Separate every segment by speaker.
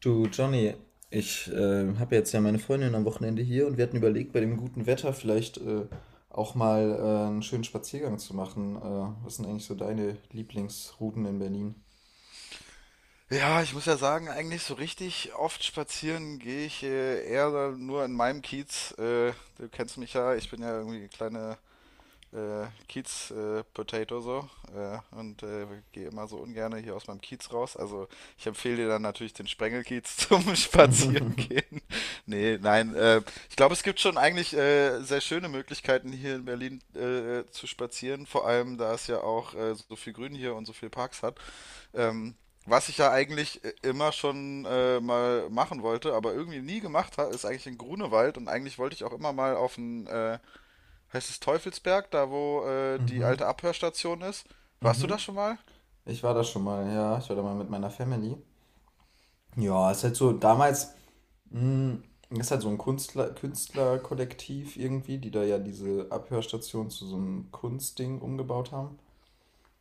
Speaker 1: Du, Johnny, ich habe jetzt ja meine Freundin am Wochenende hier und wir hatten überlegt, bei dem guten Wetter vielleicht auch mal einen schönen Spaziergang zu machen. Was sind eigentlich so deine Lieblingsrouten in Berlin?
Speaker 2: Ja, ich muss ja sagen, eigentlich so richtig oft spazieren gehe ich eher nur in meinem Kiez. Du kennst mich ja, ich bin ja irgendwie eine kleine Kiez-Potato so, äh, und äh, gehe immer so ungerne hier aus meinem Kiez raus. Also ich empfehle dir dann natürlich den Sprengelkiez zum Spazieren gehen. Nee, nein, ich glaube, es gibt schon eigentlich sehr schöne Möglichkeiten hier in Berlin zu spazieren. Vor allem, da es ja auch so viel Grün hier und so viel Parks hat. Ähm, Was ich ja eigentlich immer schon mal machen wollte, aber irgendwie nie gemacht habe, ist eigentlich in Grunewald, und eigentlich wollte ich auch immer mal auf den, heißt es Teufelsberg, da wo die
Speaker 1: Mhm,
Speaker 2: alte Abhörstation ist. Warst du da
Speaker 1: mhm.
Speaker 2: schon mal?
Speaker 1: Ich war da schon mal, ja, ich war da mal mit meiner Family. Ja, ist halt so, damals, mh, ist halt so ein Künstler, Künstlerkollektiv irgendwie, die da ja diese Abhörstation zu so einem Kunstding umgebaut haben.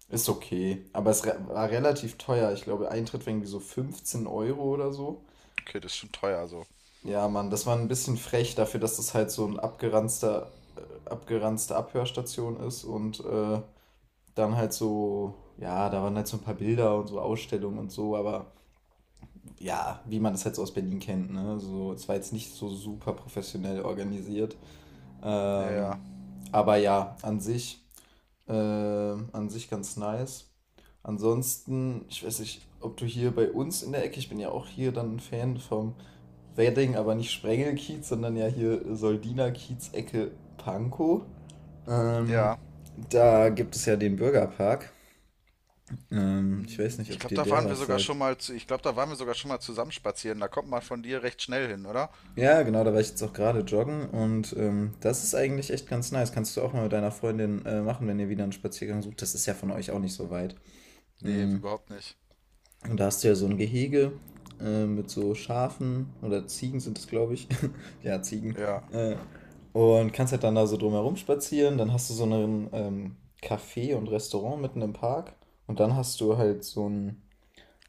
Speaker 1: Ist okay, aber war relativ teuer. Ich glaube, Eintritt war irgendwie so 15 € oder so.
Speaker 2: Okay, das ist schon teuer so.
Speaker 1: Ja, Mann, das war ein bisschen frech dafür, dass das halt so ein abgeranzte Abhörstation ist, und dann halt so, ja, da waren halt so ein paar Bilder und so Ausstellungen und so, aber ja, wie man das halt so aus Berlin kennt, ne? So, es war jetzt nicht so super professionell organisiert.
Speaker 2: Ja,
Speaker 1: Ähm,
Speaker 2: ja.
Speaker 1: aber ja, an sich ganz nice. Ansonsten, ich weiß nicht, ob du hier bei uns in der Ecke, ich bin ja auch hier dann ein Fan vom Wedding, aber nicht Sprengelkiez, sondern ja hier Soldina-Kiez-Ecke Pankow. Ähm,
Speaker 2: Ja,
Speaker 1: da gibt es ja den Bürgerpark. Ich weiß nicht,
Speaker 2: ich
Speaker 1: ob
Speaker 2: glaube,
Speaker 1: dir
Speaker 2: da
Speaker 1: der
Speaker 2: waren wir
Speaker 1: was
Speaker 2: sogar
Speaker 1: sagt.
Speaker 2: schon mal zu, ich glaube, da waren wir sogar schon mal zusammen spazieren. Da kommt man von dir recht schnell hin, oder?
Speaker 1: Ja, genau, da war ich jetzt auch gerade joggen, und das ist eigentlich echt ganz nice. Kannst du auch mal mit deiner Freundin machen, wenn ihr wieder einen Spaziergang sucht. Das ist ja von euch auch nicht so weit.
Speaker 2: Nee,
Speaker 1: Mm.
Speaker 2: überhaupt nicht.
Speaker 1: Und da hast du ja so ein Gehege mit so Schafen oder Ziegen sind es, glaube ich. Ja, Ziegen.
Speaker 2: Ja.
Speaker 1: Äh, und kannst halt dann da so drumherum spazieren. Dann hast du so einen Café und Restaurant mitten im Park. Und dann hast du halt so einen,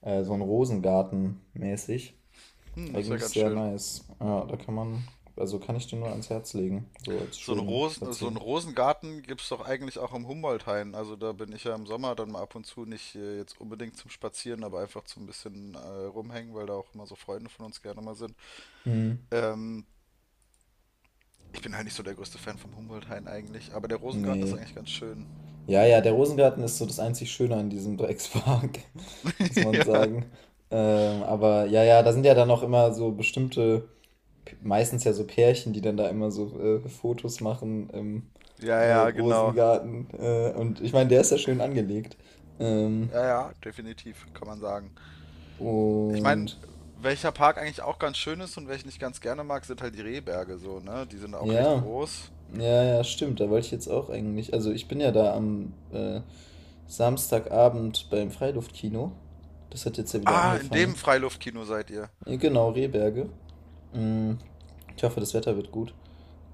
Speaker 1: äh, so einen Rosengarten mäßig.
Speaker 2: Hm, das ist ja
Speaker 1: Eigentlich
Speaker 2: ganz
Speaker 1: sehr
Speaker 2: schön.
Speaker 1: nice. Ja, da kann man, also kann ich dir nur ans Herz legen. So als
Speaker 2: So einen
Speaker 1: schönen
Speaker 2: Rosen, so einen
Speaker 1: Spaziergang.
Speaker 2: Rosengarten gibt es doch eigentlich auch im Humboldt-Hain. Also da bin ich ja im Sommer dann mal ab und zu, nicht jetzt unbedingt zum Spazieren, aber einfach zum bisschen rumhängen, weil da auch immer so Freunde von uns gerne mal sind.
Speaker 1: Hm.
Speaker 2: Ähm, Ich bin halt nicht so der größte Fan vom Humboldt-Hain eigentlich, aber der Rosengarten ist
Speaker 1: Nee,
Speaker 2: eigentlich ganz schön.
Speaker 1: ja, ja, der Rosengarten ist so das einzig Schöne an diesem Dreckspark, muss man
Speaker 2: Ja,
Speaker 1: sagen. Aber ja, ja, da sind ja dann auch immer so bestimmte, meistens ja so Pärchen, die dann da immer so Fotos machen im
Speaker 2: ja, ja, genau.
Speaker 1: Rosengarten. Und ich meine, der ist ja schön angelegt. Ähm,
Speaker 2: Ja, ja, definitiv, kann man sagen. Ich meine,
Speaker 1: und
Speaker 2: welcher Park eigentlich auch ganz schön ist und welchen ich ganz gerne mag, sind halt die Rehberge so, ne? Die sind auch recht
Speaker 1: ja,
Speaker 2: groß.
Speaker 1: ja, ja, stimmt, da wollte ich jetzt auch eigentlich. Also ich bin ja da am Samstagabend beim Freiluftkino. Das hat jetzt ja wieder
Speaker 2: Ah, in
Speaker 1: angefangen.
Speaker 2: dem Freiluftkino seid ihr.
Speaker 1: Genau, Rehberge. Mm, ich hoffe, das Wetter wird gut.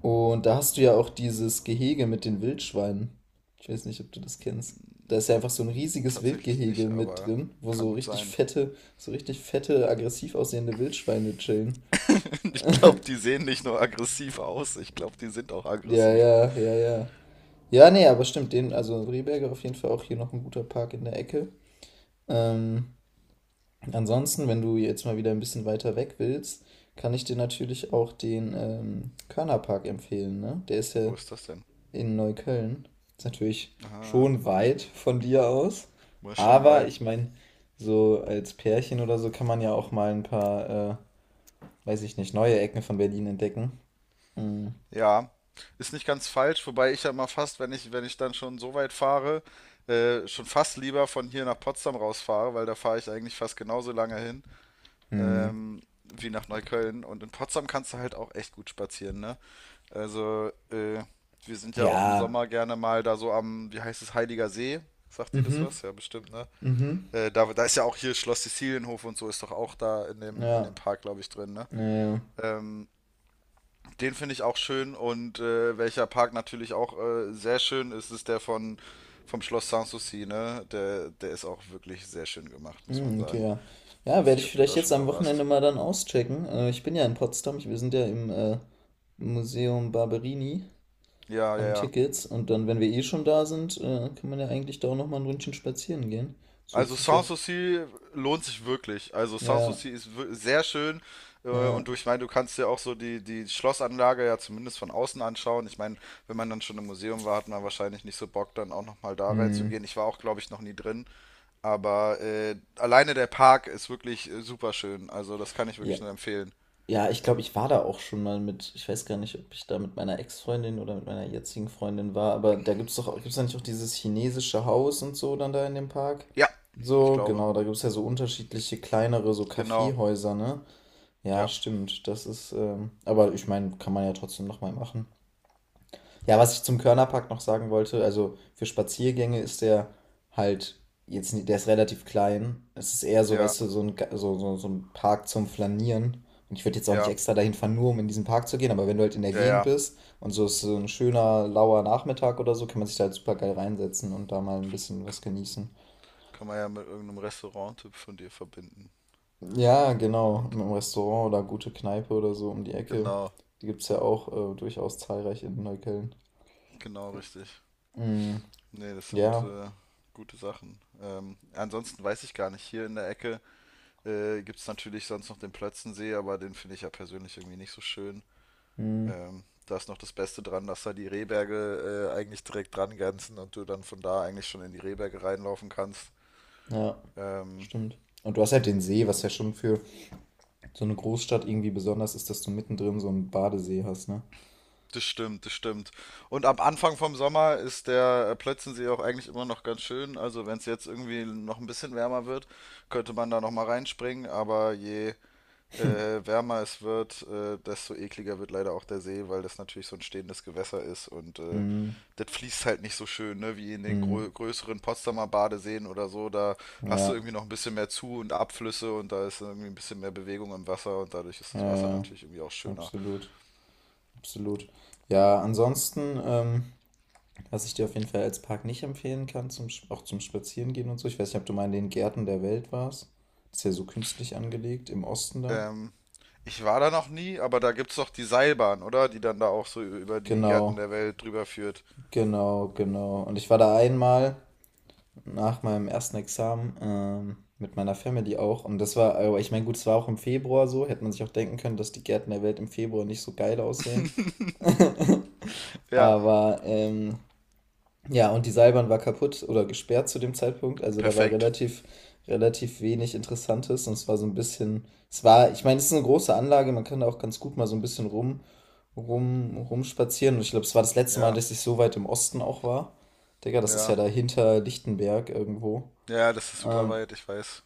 Speaker 1: Und da hast du ja auch dieses Gehege mit den Wildschweinen. Ich weiß nicht, ob du das kennst. Da ist ja einfach so ein riesiges
Speaker 2: Tatsächlich
Speaker 1: Wildgehege
Speaker 2: nicht,
Speaker 1: mit
Speaker 2: aber
Speaker 1: drin, wo
Speaker 2: kann gut sein.
Speaker 1: so richtig fette, aggressiv aussehende Wildschweine chillen.
Speaker 2: Ich glaube, die sehen nicht nur aggressiv aus, ich glaube, die sind auch
Speaker 1: Ja,
Speaker 2: aggressiv.
Speaker 1: ja, ja, ja. Ja, nee, aber stimmt, den, also Rehberger auf jeden Fall auch hier noch ein guter Park in der Ecke. Ähm, ansonsten, wenn du jetzt mal wieder ein bisschen weiter weg willst, kann ich dir natürlich auch den Körnerpark empfehlen, ne? Der ist
Speaker 2: Wo
Speaker 1: ja
Speaker 2: ist das denn?
Speaker 1: in Neukölln. Ist natürlich
Speaker 2: Aha,
Speaker 1: schon weit von dir aus.
Speaker 2: ist schon
Speaker 1: Aber
Speaker 2: weit.
Speaker 1: ich meine, so als Pärchen oder so kann man ja auch mal weiß ich nicht, neue Ecken von Berlin entdecken. Mm.
Speaker 2: Ja, ist nicht ganz falsch, wobei ich ja mal fast, wenn ich, wenn ich dann schon so weit fahre, schon fast lieber von hier nach Potsdam rausfahre, weil da fahre ich eigentlich fast genauso lange hin.
Speaker 1: Mm.
Speaker 2: Wie nach Neukölln. Und in Potsdam kannst du halt auch echt gut spazieren, ne? Also, wir sind ja auch im
Speaker 1: Ja.
Speaker 2: Sommer gerne mal da so am, wie heißt es, Heiliger See. Sagt dir das
Speaker 1: Mhm.
Speaker 2: was? Ja, bestimmt, ne?
Speaker 1: Mhm.
Speaker 2: Da ist ja auch hier Schloss Sizilienhof, und so ist doch auch da in dem
Speaker 1: Ja.
Speaker 2: Park, glaube ich, drin, ne?
Speaker 1: Ja. Ja.
Speaker 2: Ähm, Den finde ich auch schön, und welcher Park natürlich auch sehr schön ist, ist der von vom Schloss Sanssouci, ne? Der ist auch wirklich sehr schön gemacht, muss man
Speaker 1: Hm, okay,
Speaker 2: sagen.
Speaker 1: ja. Ja,
Speaker 2: Weiß
Speaker 1: werde
Speaker 2: nicht,
Speaker 1: ich
Speaker 2: ob du
Speaker 1: vielleicht
Speaker 2: da
Speaker 1: jetzt
Speaker 2: schon
Speaker 1: am
Speaker 2: mal
Speaker 1: Wochenende
Speaker 2: warst.
Speaker 1: mal dann auschecken. Ich bin ja in Potsdam. Ich, wir sind ja im Museum Barberini
Speaker 2: Ja, ja,
Speaker 1: an
Speaker 2: ja.
Speaker 1: Tickets. Und dann, wenn wir eh schon da sind, kann man ja eigentlich da auch nochmal ein Ründchen spazieren gehen. Das hört
Speaker 2: Also
Speaker 1: sich ja. f-
Speaker 2: Sanssouci lohnt sich wirklich. Also
Speaker 1: Ja,
Speaker 2: Sanssouci ist sehr schön
Speaker 1: ja.
Speaker 2: und durch. Ich meine, du kannst dir auch so die Schlossanlage ja zumindest von außen anschauen. Ich meine, wenn man dann schon im Museum war, hat man wahrscheinlich nicht so Bock, dann auch nochmal da
Speaker 1: Hm.
Speaker 2: reinzugehen. Ich war auch, glaube ich, noch nie drin, aber alleine der Park ist wirklich super schön. Also das kann ich
Speaker 1: Ja,
Speaker 2: wirklich nur empfehlen.
Speaker 1: ja, ich glaube, ich war da auch schon mal mit. Ich weiß gar nicht, ob ich da mit meiner Ex-Freundin oder mit meiner jetzigen Freundin war, aber da gibt es doch, gibt es da nicht auch dieses chinesische Haus und so dann da in dem Park?
Speaker 2: Ja, ich
Speaker 1: So,
Speaker 2: glaube.
Speaker 1: genau, da gibt es ja so unterschiedliche kleinere, so
Speaker 2: Genau.
Speaker 1: Kaffeehäuser, ne? Ja,
Speaker 2: Ja,
Speaker 1: stimmt, das ist, aber ich meine, kann man ja trotzdem nochmal machen. Ja, was ich zum Körnerpark noch sagen wollte, also für Spaziergänge ist der halt jetzt nicht, der ist relativ klein. Es ist eher so,
Speaker 2: ja,
Speaker 1: weißt du, so, so, so ein Park zum Flanieren. Und ich würde jetzt auch nicht
Speaker 2: ja,
Speaker 1: extra dahin fahren, nur um in diesen Park zu gehen, aber wenn du halt in der
Speaker 2: ja,
Speaker 1: Gegend
Speaker 2: ja.
Speaker 1: bist und so ist so ein schöner, lauer Nachmittag oder so, kann man sich da halt super geil reinsetzen und da mal ein bisschen was genießen.
Speaker 2: Kann man ja mit irgendeinem Restauranttipp von dir verbinden.
Speaker 1: Ja, genau,
Speaker 2: Und
Speaker 1: im Restaurant oder gute Kneipe oder so um die Ecke.
Speaker 2: genau,
Speaker 1: Die gibt es ja auch durchaus zahlreich in Neukölln.
Speaker 2: genau richtig.
Speaker 1: Mm,
Speaker 2: Nee, das sind
Speaker 1: ja,
Speaker 2: gute Sachen. Ansonsten weiß ich gar nicht. Hier in der Ecke gibt es natürlich sonst noch den Plötzensee, aber den finde ich ja persönlich irgendwie nicht so schön.
Speaker 1: mm,
Speaker 2: Da ist noch das Beste dran, dass da die Rehberge eigentlich direkt dran grenzen und du dann von da eigentlich schon in die Rehberge reinlaufen kannst.
Speaker 1: ja.
Speaker 2: Ähm,
Speaker 1: Stimmt. Und du hast halt den See, was ja schon für so eine Großstadt irgendwie besonders ist, dass du mittendrin so einen Badesee hast, ne?
Speaker 2: das stimmt, das stimmt. Und am Anfang vom Sommer ist der Plötzensee auch eigentlich immer noch ganz schön. Also wenn es jetzt irgendwie noch ein bisschen wärmer wird, könnte man da noch mal reinspringen. Aber je wärmer es wird, desto ekliger wird leider auch der See, weil das natürlich so ein stehendes Gewässer ist, und
Speaker 1: Mhm.
Speaker 2: das fließt halt nicht so schön, ne, wie in den
Speaker 1: Mhm.
Speaker 2: größeren Potsdamer Badeseen oder so. Da hast du
Speaker 1: Ja,
Speaker 2: irgendwie noch ein bisschen mehr Zu- und Abflüsse, und da ist irgendwie ein bisschen mehr Bewegung im Wasser, und dadurch ist das Wasser
Speaker 1: ja, ja,
Speaker 2: natürlich irgendwie auch schöner.
Speaker 1: absolut, absolut. Ja, ansonsten, was ich dir auf jeden Fall als Park nicht empfehlen kann, auch zum Spazierengehen und so, ich weiß nicht, ob du mal in den Gärten der Welt warst. Ist ja so künstlich angelegt, im Osten da.
Speaker 2: Ähm, Ich war da noch nie, aber da gibt's doch die Seilbahn, oder? Die dann da auch so über die Gärten
Speaker 1: Genau,
Speaker 2: der Welt drüber führt.
Speaker 1: genau, genau. Und ich war da einmal, nach meinem ersten Examen mit meiner Family auch. Und das war, aber ich meine, gut, es war auch im Februar so. Hätte man sich auch denken können, dass die Gärten der Welt im Februar nicht so geil aussehen.
Speaker 2: Ja,
Speaker 1: aber ähm, ja, und die Seilbahn war kaputt oder gesperrt zu dem Zeitpunkt. Also da war
Speaker 2: perfekt.
Speaker 1: relativ, relativ wenig Interessantes. Und es war so ein bisschen, es war, ich meine, es ist eine große Anlage. Man kann da auch ganz gut mal so ein bisschen rumspazieren. Und ich glaube, es war das letzte Mal,
Speaker 2: Ja,
Speaker 1: dass ich so weit im Osten auch war. Digga, das ist ja
Speaker 2: ja.
Speaker 1: da hinter Lichtenberg irgendwo.
Speaker 2: Ja, das ist super
Speaker 1: Ähm,
Speaker 2: weit, ich weiß.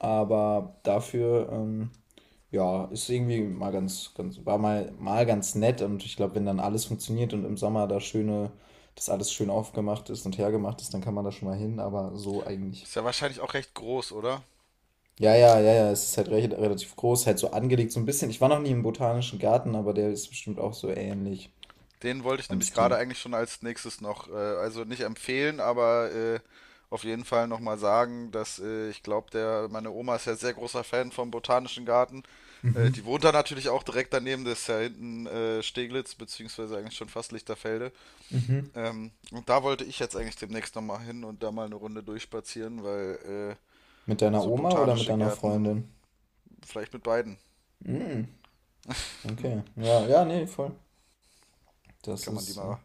Speaker 1: Aber ja, ist irgendwie mal ganz, ganz, war mal, mal ganz nett. Und ich glaube, wenn dann alles funktioniert und im Sommer da schöne, das alles schön aufgemacht ist und hergemacht ist, dann kann man da schon mal hin, aber so eigentlich.
Speaker 2: Ist ja wahrscheinlich auch recht groß, oder?
Speaker 1: Ja, ja, ja, ja, es ist halt recht, relativ groß, halt so angelegt, so ein bisschen. Ich war noch nie im Botanischen Garten, aber der ist bestimmt auch so ähnlich
Speaker 2: Den wollte ich
Speaker 1: vom
Speaker 2: nämlich
Speaker 1: Stil.
Speaker 2: gerade eigentlich schon als nächstes noch, also nicht empfehlen, aber auf jeden Fall nochmal sagen, dass ich glaube, meine Oma ist ja sehr großer Fan vom Botanischen Garten.
Speaker 1: Mhm.
Speaker 2: Die wohnt da natürlich auch direkt daneben, das ist ja hinten Steglitz, beziehungsweise eigentlich schon fast Lichterfelde.
Speaker 1: Mhm.
Speaker 2: Und da wollte ich jetzt eigentlich demnächst nochmal hin und da mal eine Runde durchspazieren, weil
Speaker 1: Mit deiner
Speaker 2: so
Speaker 1: Oma oder mit
Speaker 2: botanische
Speaker 1: deiner
Speaker 2: Gärten,
Speaker 1: Freundin?
Speaker 2: vielleicht mit beiden,
Speaker 1: Mhm. Okay. Ja, ja, nee, voll. Das
Speaker 2: kann man die
Speaker 1: ist, äh,
Speaker 2: mal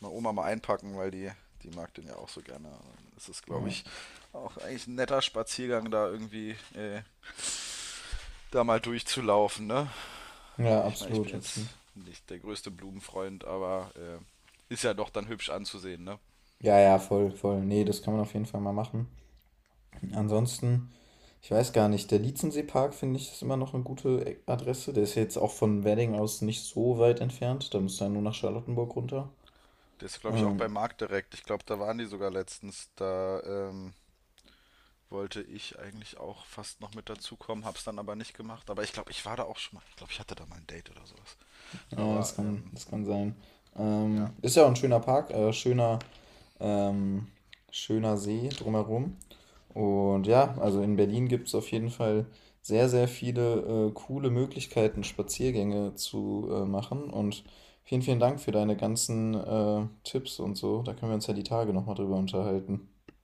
Speaker 2: mal Oma mal einpacken, weil die mag den ja auch so gerne. Es ist, glaube ich,
Speaker 1: ja.
Speaker 2: auch eigentlich ein netter Spaziergang, da irgendwie da mal durchzulaufen. Ne?
Speaker 1: Ja,
Speaker 2: Ich meine, ich
Speaker 1: absolut,
Speaker 2: bin
Speaker 1: absolut.
Speaker 2: jetzt nicht der größte Blumenfreund, aber ist ja doch dann hübsch anzusehen. Ne?
Speaker 1: Ja, ja, voll, voll. Nee, das kann man auf jeden Fall mal machen. Ansonsten, ich weiß gar nicht, der Lietzenseepark finde ich ist immer noch eine gute Adresse. Der ist jetzt auch von Wedding aus nicht so weit entfernt. Da müsst ihr nur nach Charlottenburg runter.
Speaker 2: Das ist, glaube ich, auch
Speaker 1: Ähm,
Speaker 2: beim Markt direkt. Ich glaube, da waren die sogar letztens. Da wollte ich eigentlich auch fast noch mit dazukommen, hab's dann aber nicht gemacht. Aber ich glaube, ich war da auch schon mal. Ich glaube, ich hatte da mal ein Date oder sowas.
Speaker 1: ja,
Speaker 2: Aber
Speaker 1: das kann sein. Ähm,
Speaker 2: ja,
Speaker 1: ist ja auch ein ähm, schöner See drumherum. Und ja, also in Berlin gibt es auf jeden Fall sehr, sehr viele coole Möglichkeiten, Spaziergänge zu machen. Und vielen, vielen Dank für deine ganzen Tipps und so. Da können wir uns ja die Tage nochmal drüber unterhalten.